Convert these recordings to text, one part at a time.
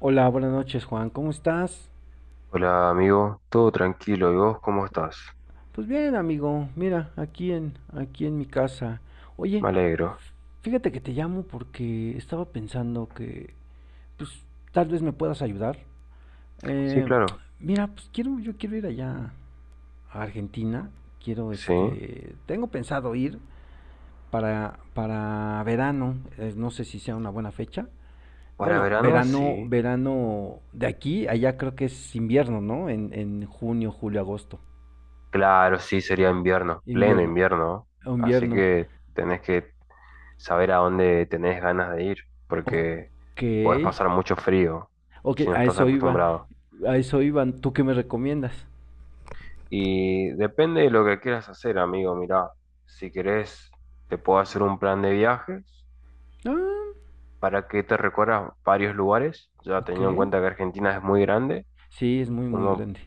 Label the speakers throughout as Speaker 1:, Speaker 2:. Speaker 1: Hola, buenas noches, Juan. ¿Cómo estás?
Speaker 2: Hola amigo, todo tranquilo, ¿y vos cómo estás?
Speaker 1: Pues bien, amigo. Mira, aquí en mi casa. Oye,
Speaker 2: Me alegro.
Speaker 1: fíjate que te llamo porque estaba pensando que pues tal vez me puedas ayudar.
Speaker 2: Sí,
Speaker 1: Eh,
Speaker 2: claro,
Speaker 1: mira, pues quiero yo quiero ir allá a Argentina. Quiero
Speaker 2: sí.
Speaker 1: este, tengo pensado ir para verano. No sé si sea una buena fecha.
Speaker 2: Para
Speaker 1: Bueno,
Speaker 2: verano,
Speaker 1: verano,
Speaker 2: sí.
Speaker 1: verano de aquí, allá creo que es invierno, ¿no? En junio, julio, agosto.
Speaker 2: Claro, sí, sería invierno, pleno
Speaker 1: Invierno,
Speaker 2: invierno. Así
Speaker 1: invierno.
Speaker 2: que tenés que saber a dónde tenés ganas de ir, porque
Speaker 1: Ok,
Speaker 2: podés pasar mucho frío
Speaker 1: ok,
Speaker 2: si no
Speaker 1: a
Speaker 2: estás
Speaker 1: eso iba,
Speaker 2: acostumbrado.
Speaker 1: a eso iban. ¿Tú qué me recomiendas?
Speaker 2: Y depende de lo que quieras hacer, amigo. Mirá, si querés, te puedo hacer un plan de viajes
Speaker 1: Ah,
Speaker 2: para que te recorras varios lugares, ya
Speaker 1: ok,
Speaker 2: teniendo en cuenta que Argentina es muy grande.
Speaker 1: sí, es muy, muy
Speaker 2: Como
Speaker 1: grande.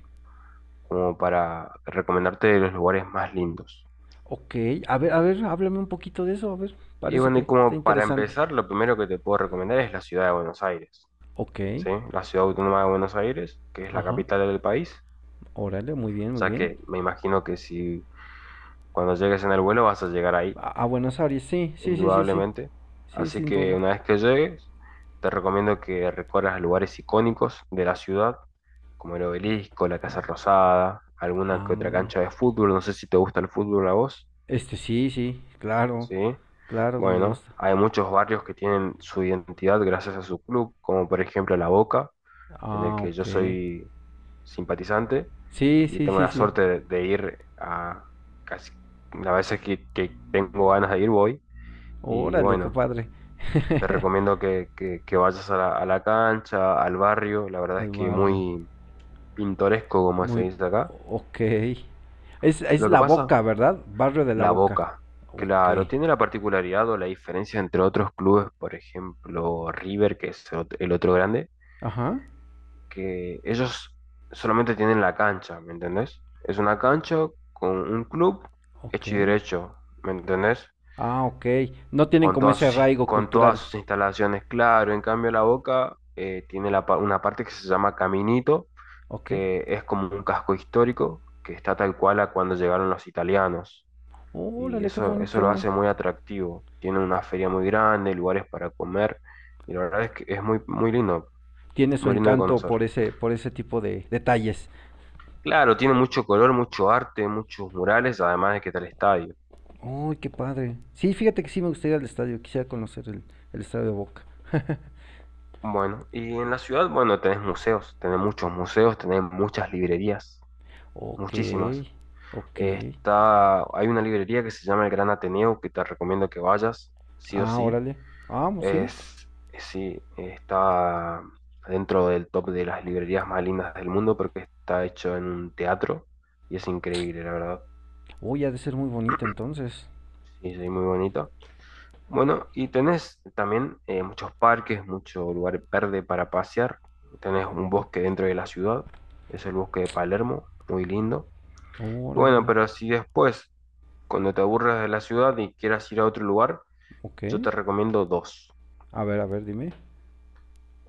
Speaker 2: como para recomendarte los lugares más lindos.
Speaker 1: Ok, a ver, háblame un poquito de eso, a ver,
Speaker 2: Y
Speaker 1: parece
Speaker 2: bueno,
Speaker 1: que
Speaker 2: y
Speaker 1: está
Speaker 2: como para
Speaker 1: interesante.
Speaker 2: empezar, lo primero que te puedo recomendar es la ciudad de Buenos Aires,
Speaker 1: Ok,
Speaker 2: ¿sí? La ciudad autónoma de Buenos Aires, que es la
Speaker 1: ajá,
Speaker 2: capital del país.
Speaker 1: órale, muy bien,
Speaker 2: O
Speaker 1: muy
Speaker 2: sea
Speaker 1: bien.
Speaker 2: que me imagino que si cuando llegues en el vuelo vas a llegar ahí,
Speaker 1: A Buenos Aires, sí, sí, sí, sí, sí,
Speaker 2: indudablemente.
Speaker 1: sí,
Speaker 2: Así
Speaker 1: sin
Speaker 2: que
Speaker 1: duda.
Speaker 2: una vez que llegues, te recomiendo que recorras lugares icónicos de la ciudad, como el Obelisco, la Casa Rosada, alguna que otra
Speaker 1: Ah,
Speaker 2: cancha de fútbol. No sé si te gusta el fútbol a vos.
Speaker 1: este sí, sí, claro,
Speaker 2: Sí,
Speaker 1: claro, me
Speaker 2: bueno,
Speaker 1: gusta.
Speaker 2: hay muchos barrios que tienen su identidad gracias a su club, como por ejemplo La Boca, en el
Speaker 1: Ah,
Speaker 2: que yo
Speaker 1: ok.
Speaker 2: soy simpatizante
Speaker 1: Sí,
Speaker 2: y
Speaker 1: sí,
Speaker 2: tengo
Speaker 1: sí,
Speaker 2: la
Speaker 1: sí.
Speaker 2: suerte de ir a casi las veces que tengo ganas de ir voy. Y
Speaker 1: Órale, qué
Speaker 2: bueno,
Speaker 1: padre.
Speaker 2: te recomiendo que vayas a la cancha, al barrio, la verdad
Speaker 1: Al
Speaker 2: es que
Speaker 1: barrio.
Speaker 2: muy pintoresco, como se
Speaker 1: Muy...
Speaker 2: dice acá.
Speaker 1: Ok. Es
Speaker 2: Lo que
Speaker 1: La
Speaker 2: pasa
Speaker 1: Boca, ¿verdad? Barrio de La
Speaker 2: La
Speaker 1: Boca.
Speaker 2: Boca,
Speaker 1: Ok.
Speaker 2: claro, tiene la particularidad o la diferencia entre otros clubes, por ejemplo, River, que es el otro grande,
Speaker 1: Ajá.
Speaker 2: que ellos solamente tienen la cancha, ¿me entendés? Es una cancha con un club
Speaker 1: Ok.
Speaker 2: hecho y derecho, ¿me entendés?
Speaker 1: Ah, ok. No tienen
Speaker 2: Con
Speaker 1: como
Speaker 2: todas
Speaker 1: ese
Speaker 2: sus, is-
Speaker 1: arraigo
Speaker 2: con todas
Speaker 1: cultural.
Speaker 2: sus instalaciones, claro. En cambio, La Boca tiene una parte que se llama Caminito,
Speaker 1: Ok.
Speaker 2: que es como un casco histórico, que está tal cual a cuando llegaron los italianos. Y
Speaker 1: Órale, qué
Speaker 2: eso lo
Speaker 1: bonito.
Speaker 2: hace muy atractivo. Tiene una feria muy grande, lugares para comer, y la verdad es que es muy,
Speaker 1: Tiene su
Speaker 2: muy lindo de
Speaker 1: encanto
Speaker 2: conocer.
Speaker 1: por ese tipo de detalles.
Speaker 2: Claro, tiene mucho color, mucho arte, muchos murales, además de que está el estadio.
Speaker 1: Uy, qué padre. Sí, fíjate que sí me gustaría ir al estadio. Quisiera conocer el estadio de Boca.
Speaker 2: Bueno, y en la ciudad, bueno, tenés museos, tenés muchos museos, tenés muchas librerías,
Speaker 1: Ok.
Speaker 2: muchísimas.
Speaker 1: Ok.
Speaker 2: Hay una librería que se llama el Gran Ateneo, que te recomiendo que vayas, sí o
Speaker 1: Ah,
Speaker 2: sí.
Speaker 1: órale. Ah, pues sí.
Speaker 2: Es, sí, está dentro del top de las librerías más lindas del mundo porque está hecho en un teatro y es increíble, la verdad.
Speaker 1: Uy, ha de ser muy bonita entonces.
Speaker 2: Sí, sí, muy bonito. Bueno, y tenés también muchos parques, mucho lugar verde para pasear. Tenés un bosque dentro de la ciudad, es el bosque de Palermo, muy lindo. Y
Speaker 1: Órale.
Speaker 2: bueno, pero si después, cuando te aburres de la ciudad y quieras ir a otro lugar,
Speaker 1: Ok.
Speaker 2: yo te recomiendo dos.
Speaker 1: A ver, dime.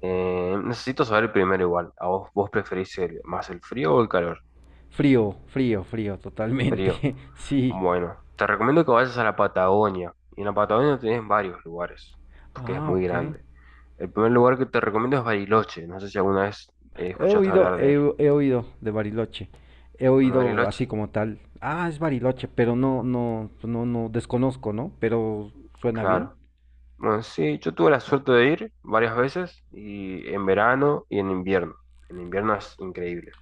Speaker 2: Necesito saber primero igual, ¿a vos preferís más el frío o el calor?
Speaker 1: Frío, frío, frío,
Speaker 2: Frío.
Speaker 1: totalmente. Sí.
Speaker 2: Bueno, te recomiendo que vayas a la Patagonia. Y en la Patagonia tenés varios lugares, porque es
Speaker 1: Ah,
Speaker 2: muy
Speaker 1: ok.
Speaker 2: grande. El primer lugar que te recomiendo es Bariloche. No sé si alguna vez
Speaker 1: He
Speaker 2: escuchaste
Speaker 1: oído,
Speaker 2: hablar de
Speaker 1: he,
Speaker 2: él.
Speaker 1: he oído de Bariloche. He
Speaker 2: Bueno,
Speaker 1: oído así
Speaker 2: Bariloche,
Speaker 1: como tal. Ah, es Bariloche, pero no, no, no, no, desconozco, ¿no? Pero suena bien.
Speaker 2: claro. Bueno, sí, yo tuve la suerte de ir varias veces, y en verano y en invierno. En invierno es increíble.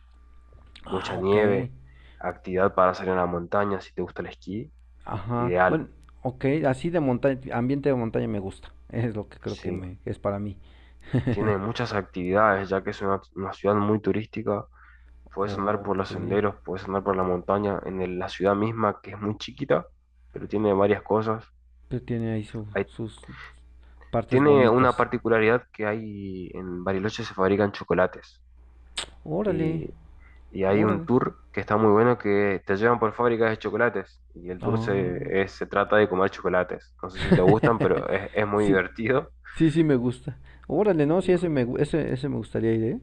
Speaker 1: Ah,
Speaker 2: Mucha
Speaker 1: ok.
Speaker 2: nieve, actividad para salir a la montaña, si te gusta el esquí,
Speaker 1: Ajá.
Speaker 2: ideal.
Speaker 1: Bueno, ok, así de montaña, ambiente de montaña me gusta. Es lo que creo que
Speaker 2: Sí.
Speaker 1: me, es para mí.
Speaker 2: Tiene muchas actividades, ya que es una ciudad muy turística. Puedes andar por los
Speaker 1: Ok.
Speaker 2: senderos, puedes andar por la montaña, en la ciudad misma, que es muy chiquita, pero tiene varias cosas.
Speaker 1: Pero tiene ahí
Speaker 2: Hay-
Speaker 1: sus partes
Speaker 2: tiene una
Speaker 1: bonitas.
Speaker 2: particularidad que hay en Bariloche se fabrican chocolates.
Speaker 1: Órale,
Speaker 2: Y, y hay un
Speaker 1: órale.
Speaker 2: tour que está muy bueno que te llevan por fábricas de chocolates. Y el tour se,
Speaker 1: Ah.
Speaker 2: es- se trata de comer chocolates. No sé si te gustan, pero es muy
Speaker 1: Sí,
Speaker 2: divertido.
Speaker 1: sí, sí me gusta. Órale, no, sí,
Speaker 2: Y,
Speaker 1: ese me, ese me gustaría ir, ¿eh?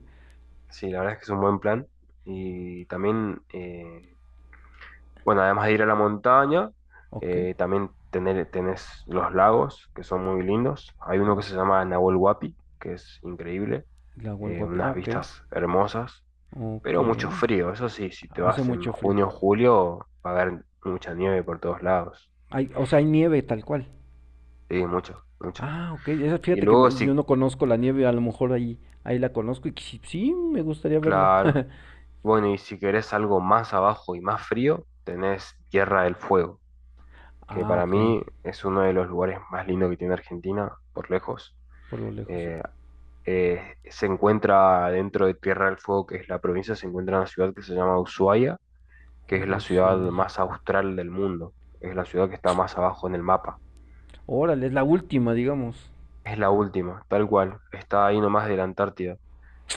Speaker 2: sí, la verdad es que es un buen plan. Y también... eh, Bueno, además de ir a la montaña,
Speaker 1: Ok.
Speaker 2: también tenés los lagos, que son muy lindos. Hay uno que
Speaker 1: O
Speaker 2: se llama Nahuel Huapi, que es increíble,
Speaker 1: le hago el guapi. Ah,
Speaker 2: unas
Speaker 1: ok,
Speaker 2: vistas hermosas,
Speaker 1: ok.
Speaker 2: pero mucho frío. Eso sí, si te
Speaker 1: Hace
Speaker 2: vas en
Speaker 1: mucho frío.
Speaker 2: junio o julio, va a haber mucha nieve por todos lados.
Speaker 1: Hay, o sea, hay nieve tal cual.
Speaker 2: Sí, mucho, mucho.
Speaker 1: Ah, ok.
Speaker 2: Y
Speaker 1: Fíjate que
Speaker 2: luego sí,
Speaker 1: yo no conozco la nieve, a lo mejor ahí, ahí la conozco y sí, sí me gustaría verla.
Speaker 2: claro. Bueno, y si querés algo más abajo y más frío, tenés Tierra del Fuego, que
Speaker 1: Ah,
Speaker 2: para
Speaker 1: ok.
Speaker 2: mí es uno de los lugares más lindos que tiene Argentina, por lejos.
Speaker 1: Por lo lejos.
Speaker 2: Eh, Se encuentra dentro de Tierra del Fuego, que es la provincia, se encuentra una ciudad que se llama Ushuaia, que es la ciudad
Speaker 1: Ushuaia.
Speaker 2: más austral del mundo. Es la ciudad que está más abajo en el mapa.
Speaker 1: Órale, es la última, digamos.
Speaker 2: Es la última, tal cual. Está ahí nomás de la Antártida.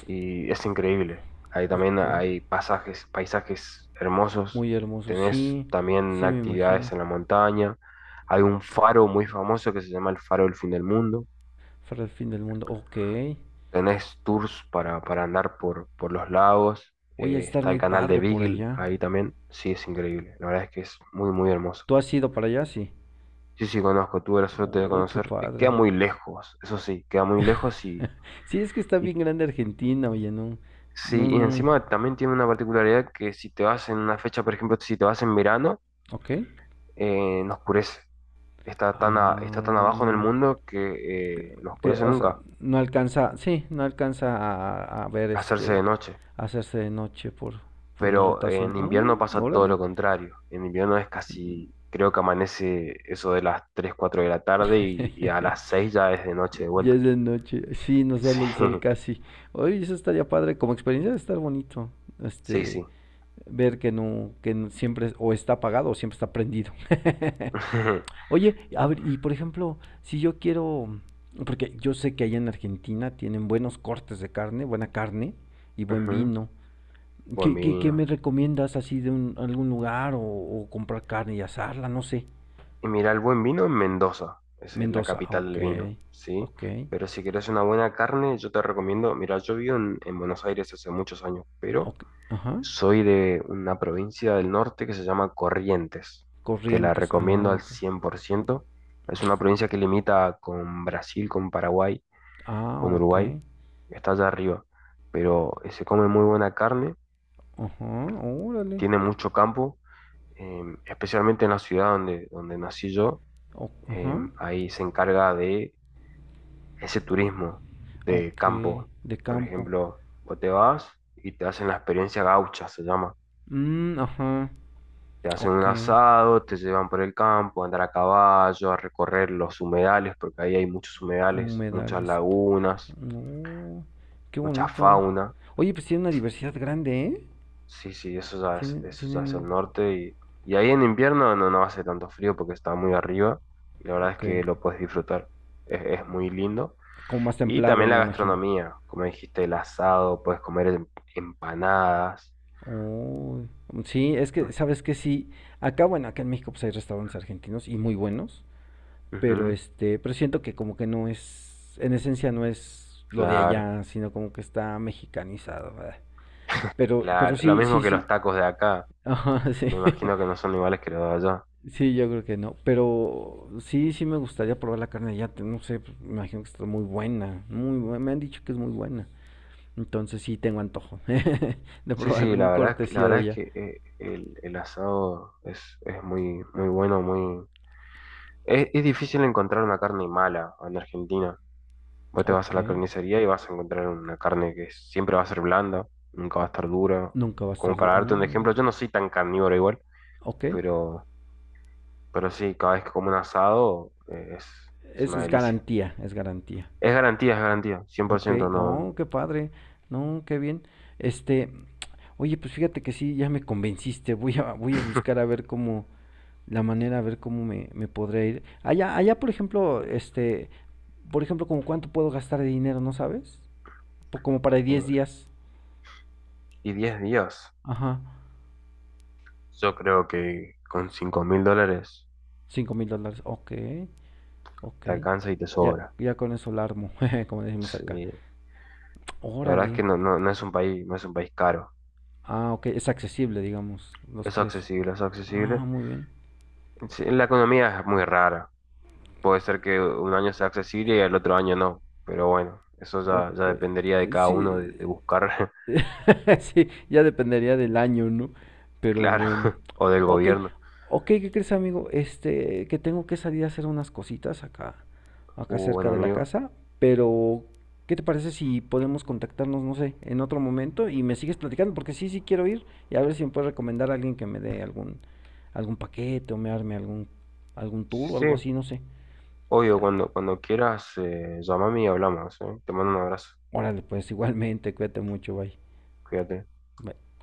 Speaker 2: Y es increíble. Ahí también
Speaker 1: Ok.
Speaker 2: hay pasajes, paisajes hermosos.
Speaker 1: Muy hermoso,
Speaker 2: Tenés
Speaker 1: sí,
Speaker 2: también
Speaker 1: sí me imagino.
Speaker 2: actividades en la montaña. Hay un faro muy famoso que se llama el Faro del Fin del Mundo.
Speaker 1: Para el fin del mundo, ok.
Speaker 2: Tenés tours para, andar por los lagos.
Speaker 1: Voy a
Speaker 2: eh,
Speaker 1: estar
Speaker 2: está el
Speaker 1: muy
Speaker 2: canal de
Speaker 1: padre por
Speaker 2: Beagle
Speaker 1: allá.
Speaker 2: ahí también. Sí, es increíble. La verdad es que es muy, muy hermoso.
Speaker 1: ¿Tú has ido para allá? Sí.
Speaker 2: Sí, sí, conozco. Tuve la suerte de
Speaker 1: Uy, qué
Speaker 2: conocer. Queda
Speaker 1: padre.
Speaker 2: muy lejos, eso sí, queda muy lejos y,
Speaker 1: Sí, es que está
Speaker 2: y
Speaker 1: bien grande Argentina, oye, no,
Speaker 2: sí,
Speaker 1: no,
Speaker 2: y
Speaker 1: no.
Speaker 2: encima también tiene una particularidad que si te vas en una fecha, por ejemplo, si te vas en verano,
Speaker 1: Ok.
Speaker 2: no oscurece. Está tan abajo en el
Speaker 1: Ah,
Speaker 2: mundo que no
Speaker 1: que,
Speaker 2: oscurece
Speaker 1: o sea,
Speaker 2: nunca.
Speaker 1: no alcanza, sí, no alcanza a ver
Speaker 2: Hacerse de
Speaker 1: este,
Speaker 2: noche.
Speaker 1: hacerse de noche por la
Speaker 2: Pero
Speaker 1: rotación.
Speaker 2: en invierno
Speaker 1: Mm,
Speaker 2: pasa todo
Speaker 1: órale.
Speaker 2: lo contrario. En invierno es casi, creo que amanece eso de las 3 4 de la tarde y a las 6 ya es de noche de
Speaker 1: Ya
Speaker 2: vuelta.
Speaker 1: es de noche. Sí, no
Speaker 2: Sí,
Speaker 1: sale el sol casi. Oye, eso estaría padre. Como experiencia de estar bonito.
Speaker 2: sí,
Speaker 1: Este,
Speaker 2: sí.
Speaker 1: ver que no, siempre o está apagado o siempre está prendido. Oye, a ver, y por ejemplo, si yo quiero, porque yo sé que allá en Argentina tienen buenos cortes de carne, buena carne y buen
Speaker 2: Ujú.
Speaker 1: vino.
Speaker 2: Buen
Speaker 1: ¿Qué, qué, qué
Speaker 2: vino.
Speaker 1: me recomiendas así de un, algún lugar o comprar carne y asarla? No sé.
Speaker 2: Y mira, el buen vino en Mendoza, es la
Speaker 1: Mendoza, ah,
Speaker 2: capital
Speaker 1: ok,
Speaker 2: del vino, ¿sí?
Speaker 1: ok,
Speaker 2: Pero si querés una buena carne, yo te recomiendo, mira, yo vivo en Buenos Aires hace muchos años, pero
Speaker 1: ok, ajá.
Speaker 2: soy de una provincia del norte que se llama Corrientes. Y te la
Speaker 1: Corrientes,
Speaker 2: recomiendo
Speaker 1: ah,
Speaker 2: al
Speaker 1: ok.
Speaker 2: 100%. Es una provincia que limita con Brasil, con Paraguay,
Speaker 1: Ah,
Speaker 2: con
Speaker 1: ok.
Speaker 2: Uruguay. Está allá arriba. Pero se come muy buena carne,
Speaker 1: Ajá, órale.
Speaker 2: tiene mucho campo, especialmente en la ciudad donde nací yo. eh,
Speaker 1: Ajá.
Speaker 2: ahí se encarga de ese turismo de
Speaker 1: Ok,
Speaker 2: campo.
Speaker 1: de
Speaker 2: Por
Speaker 1: campo.
Speaker 2: ejemplo, vos te vas y te hacen la experiencia gaucha, se llama.
Speaker 1: Mm, ajá.
Speaker 2: Te hacen un
Speaker 1: Ok.
Speaker 2: asado, te llevan por el campo, a andar a caballo, a recorrer los humedales, porque ahí hay muchos humedales, muchas
Speaker 1: Humedales.
Speaker 2: lagunas,
Speaker 1: No, qué
Speaker 2: mucha
Speaker 1: bonito.
Speaker 2: fauna.
Speaker 1: Oye, pues tienen una diversidad grande, ¿eh?
Speaker 2: Sí, sí,
Speaker 1: Tienen,
Speaker 2: eso ya es
Speaker 1: tienen...
Speaker 2: el norte. Y ahí en invierno no, no hace tanto frío porque está muy arriba y la verdad es
Speaker 1: Ok.
Speaker 2: que lo puedes disfrutar. Es muy lindo.
Speaker 1: Como más
Speaker 2: Y
Speaker 1: templado,
Speaker 2: también la
Speaker 1: me imagino.
Speaker 2: gastronomía, como dijiste, el asado, puedes comer empanadas,
Speaker 1: Uy, sí, es que,
Speaker 2: ¿no?
Speaker 1: ¿sabes que sí, acá, bueno, acá en México pues hay restaurantes argentinos y muy buenos? Pero
Speaker 2: Ujú,
Speaker 1: este, pero siento que como que no es, en esencia no es lo de
Speaker 2: claro,
Speaker 1: allá, sino como que está mexicanizado, ¿verdad? Pero
Speaker 2: claro. Lo
Speaker 1: sí,
Speaker 2: mismo
Speaker 1: sí,
Speaker 2: que
Speaker 1: sí.
Speaker 2: los tacos de acá.
Speaker 1: Ajá, sí.
Speaker 2: Me imagino que no son iguales que los de allá.
Speaker 1: Sí, yo creo que no. Pero sí, sí me gustaría probar la carne de allá. No sé, pues, me imagino que está muy buena. Muy buena. Me han dicho que es muy buena. Entonces sí tengo antojo de
Speaker 2: Sí,
Speaker 1: probar
Speaker 2: sí,
Speaker 1: algún
Speaker 2: la verdad, la
Speaker 1: cortesía de
Speaker 2: verdad es
Speaker 1: allá.
Speaker 2: que el asado es muy, muy bueno, muy. Es difícil encontrar una carne mala en Argentina. Vos te vas a
Speaker 1: Ok.
Speaker 2: la carnicería y vas a encontrar una carne que siempre va a ser blanda, nunca va a estar dura.
Speaker 1: Nunca va a
Speaker 2: Como
Speaker 1: estar.
Speaker 2: para darte un
Speaker 1: Mm,
Speaker 2: ejemplo, yo no soy tan carnívoro igual,
Speaker 1: ok.
Speaker 2: pero, pero sí, cada vez que como un asado es una
Speaker 1: Es
Speaker 2: delicia.
Speaker 1: garantía, es garantía.
Speaker 2: Es garantía, cien por
Speaker 1: Ok,
Speaker 2: ciento no.
Speaker 1: oh, qué padre, no, qué bien. Este, oye, pues fíjate que sí, ya me convenciste, voy a, voy a buscar a ver cómo, la manera, a ver cómo me, me podré ir. Allá, allá, por ejemplo, este, por ejemplo, como cuánto puedo gastar de dinero, ¿no sabes? Como para diez
Speaker 2: eh,
Speaker 1: días.
Speaker 2: y 10 días,
Speaker 1: Ajá,
Speaker 2: yo creo que con 5000 dólares
Speaker 1: $5,000, ok, ok.
Speaker 2: te alcanza y te
Speaker 1: Ya,
Speaker 2: sobra.
Speaker 1: ya con eso la armo, jeje, como decimos acá.
Speaker 2: Sí, la verdad es
Speaker 1: Órale.
Speaker 2: que no, no, no es un país, no es un país caro.
Speaker 1: Ah, ok, es accesible, digamos, los
Speaker 2: Es
Speaker 1: precios.
Speaker 2: accesible, es
Speaker 1: Ah,
Speaker 2: accesible.
Speaker 1: muy bien.
Speaker 2: Sí, la economía es muy rara. Puede ser que un año sea accesible y el otro año no. Pero bueno, eso ya, ya
Speaker 1: Ok.
Speaker 2: dependería de cada uno
Speaker 1: Sí,
Speaker 2: de buscar,
Speaker 1: sí, ya dependería del año, ¿no? Pero
Speaker 2: claro,
Speaker 1: bueno.
Speaker 2: o del
Speaker 1: Ok,
Speaker 2: gobierno.
Speaker 1: ok, ¿qué crees, amigo? Este, que tengo que salir a hacer unas cositas acá,
Speaker 2: Uh,
Speaker 1: acá cerca
Speaker 2: bueno,
Speaker 1: de la
Speaker 2: amigo.
Speaker 1: casa, pero ¿qué te parece si podemos contactarnos, no sé, en otro momento y me sigues platicando? Porque sí, sí quiero ir y a ver si me puedes recomendar a alguien que me dé algún, algún paquete o me arme algún, algún tour o
Speaker 2: Sí,
Speaker 1: algo así, no sé.
Speaker 2: obvio,
Speaker 1: Ah,
Speaker 2: cuando quieras, llámame y hablamos, ¿eh? Te mando un abrazo.
Speaker 1: órale, pues igualmente, cuídate mucho, bye.
Speaker 2: Cuídate.
Speaker 1: Bye.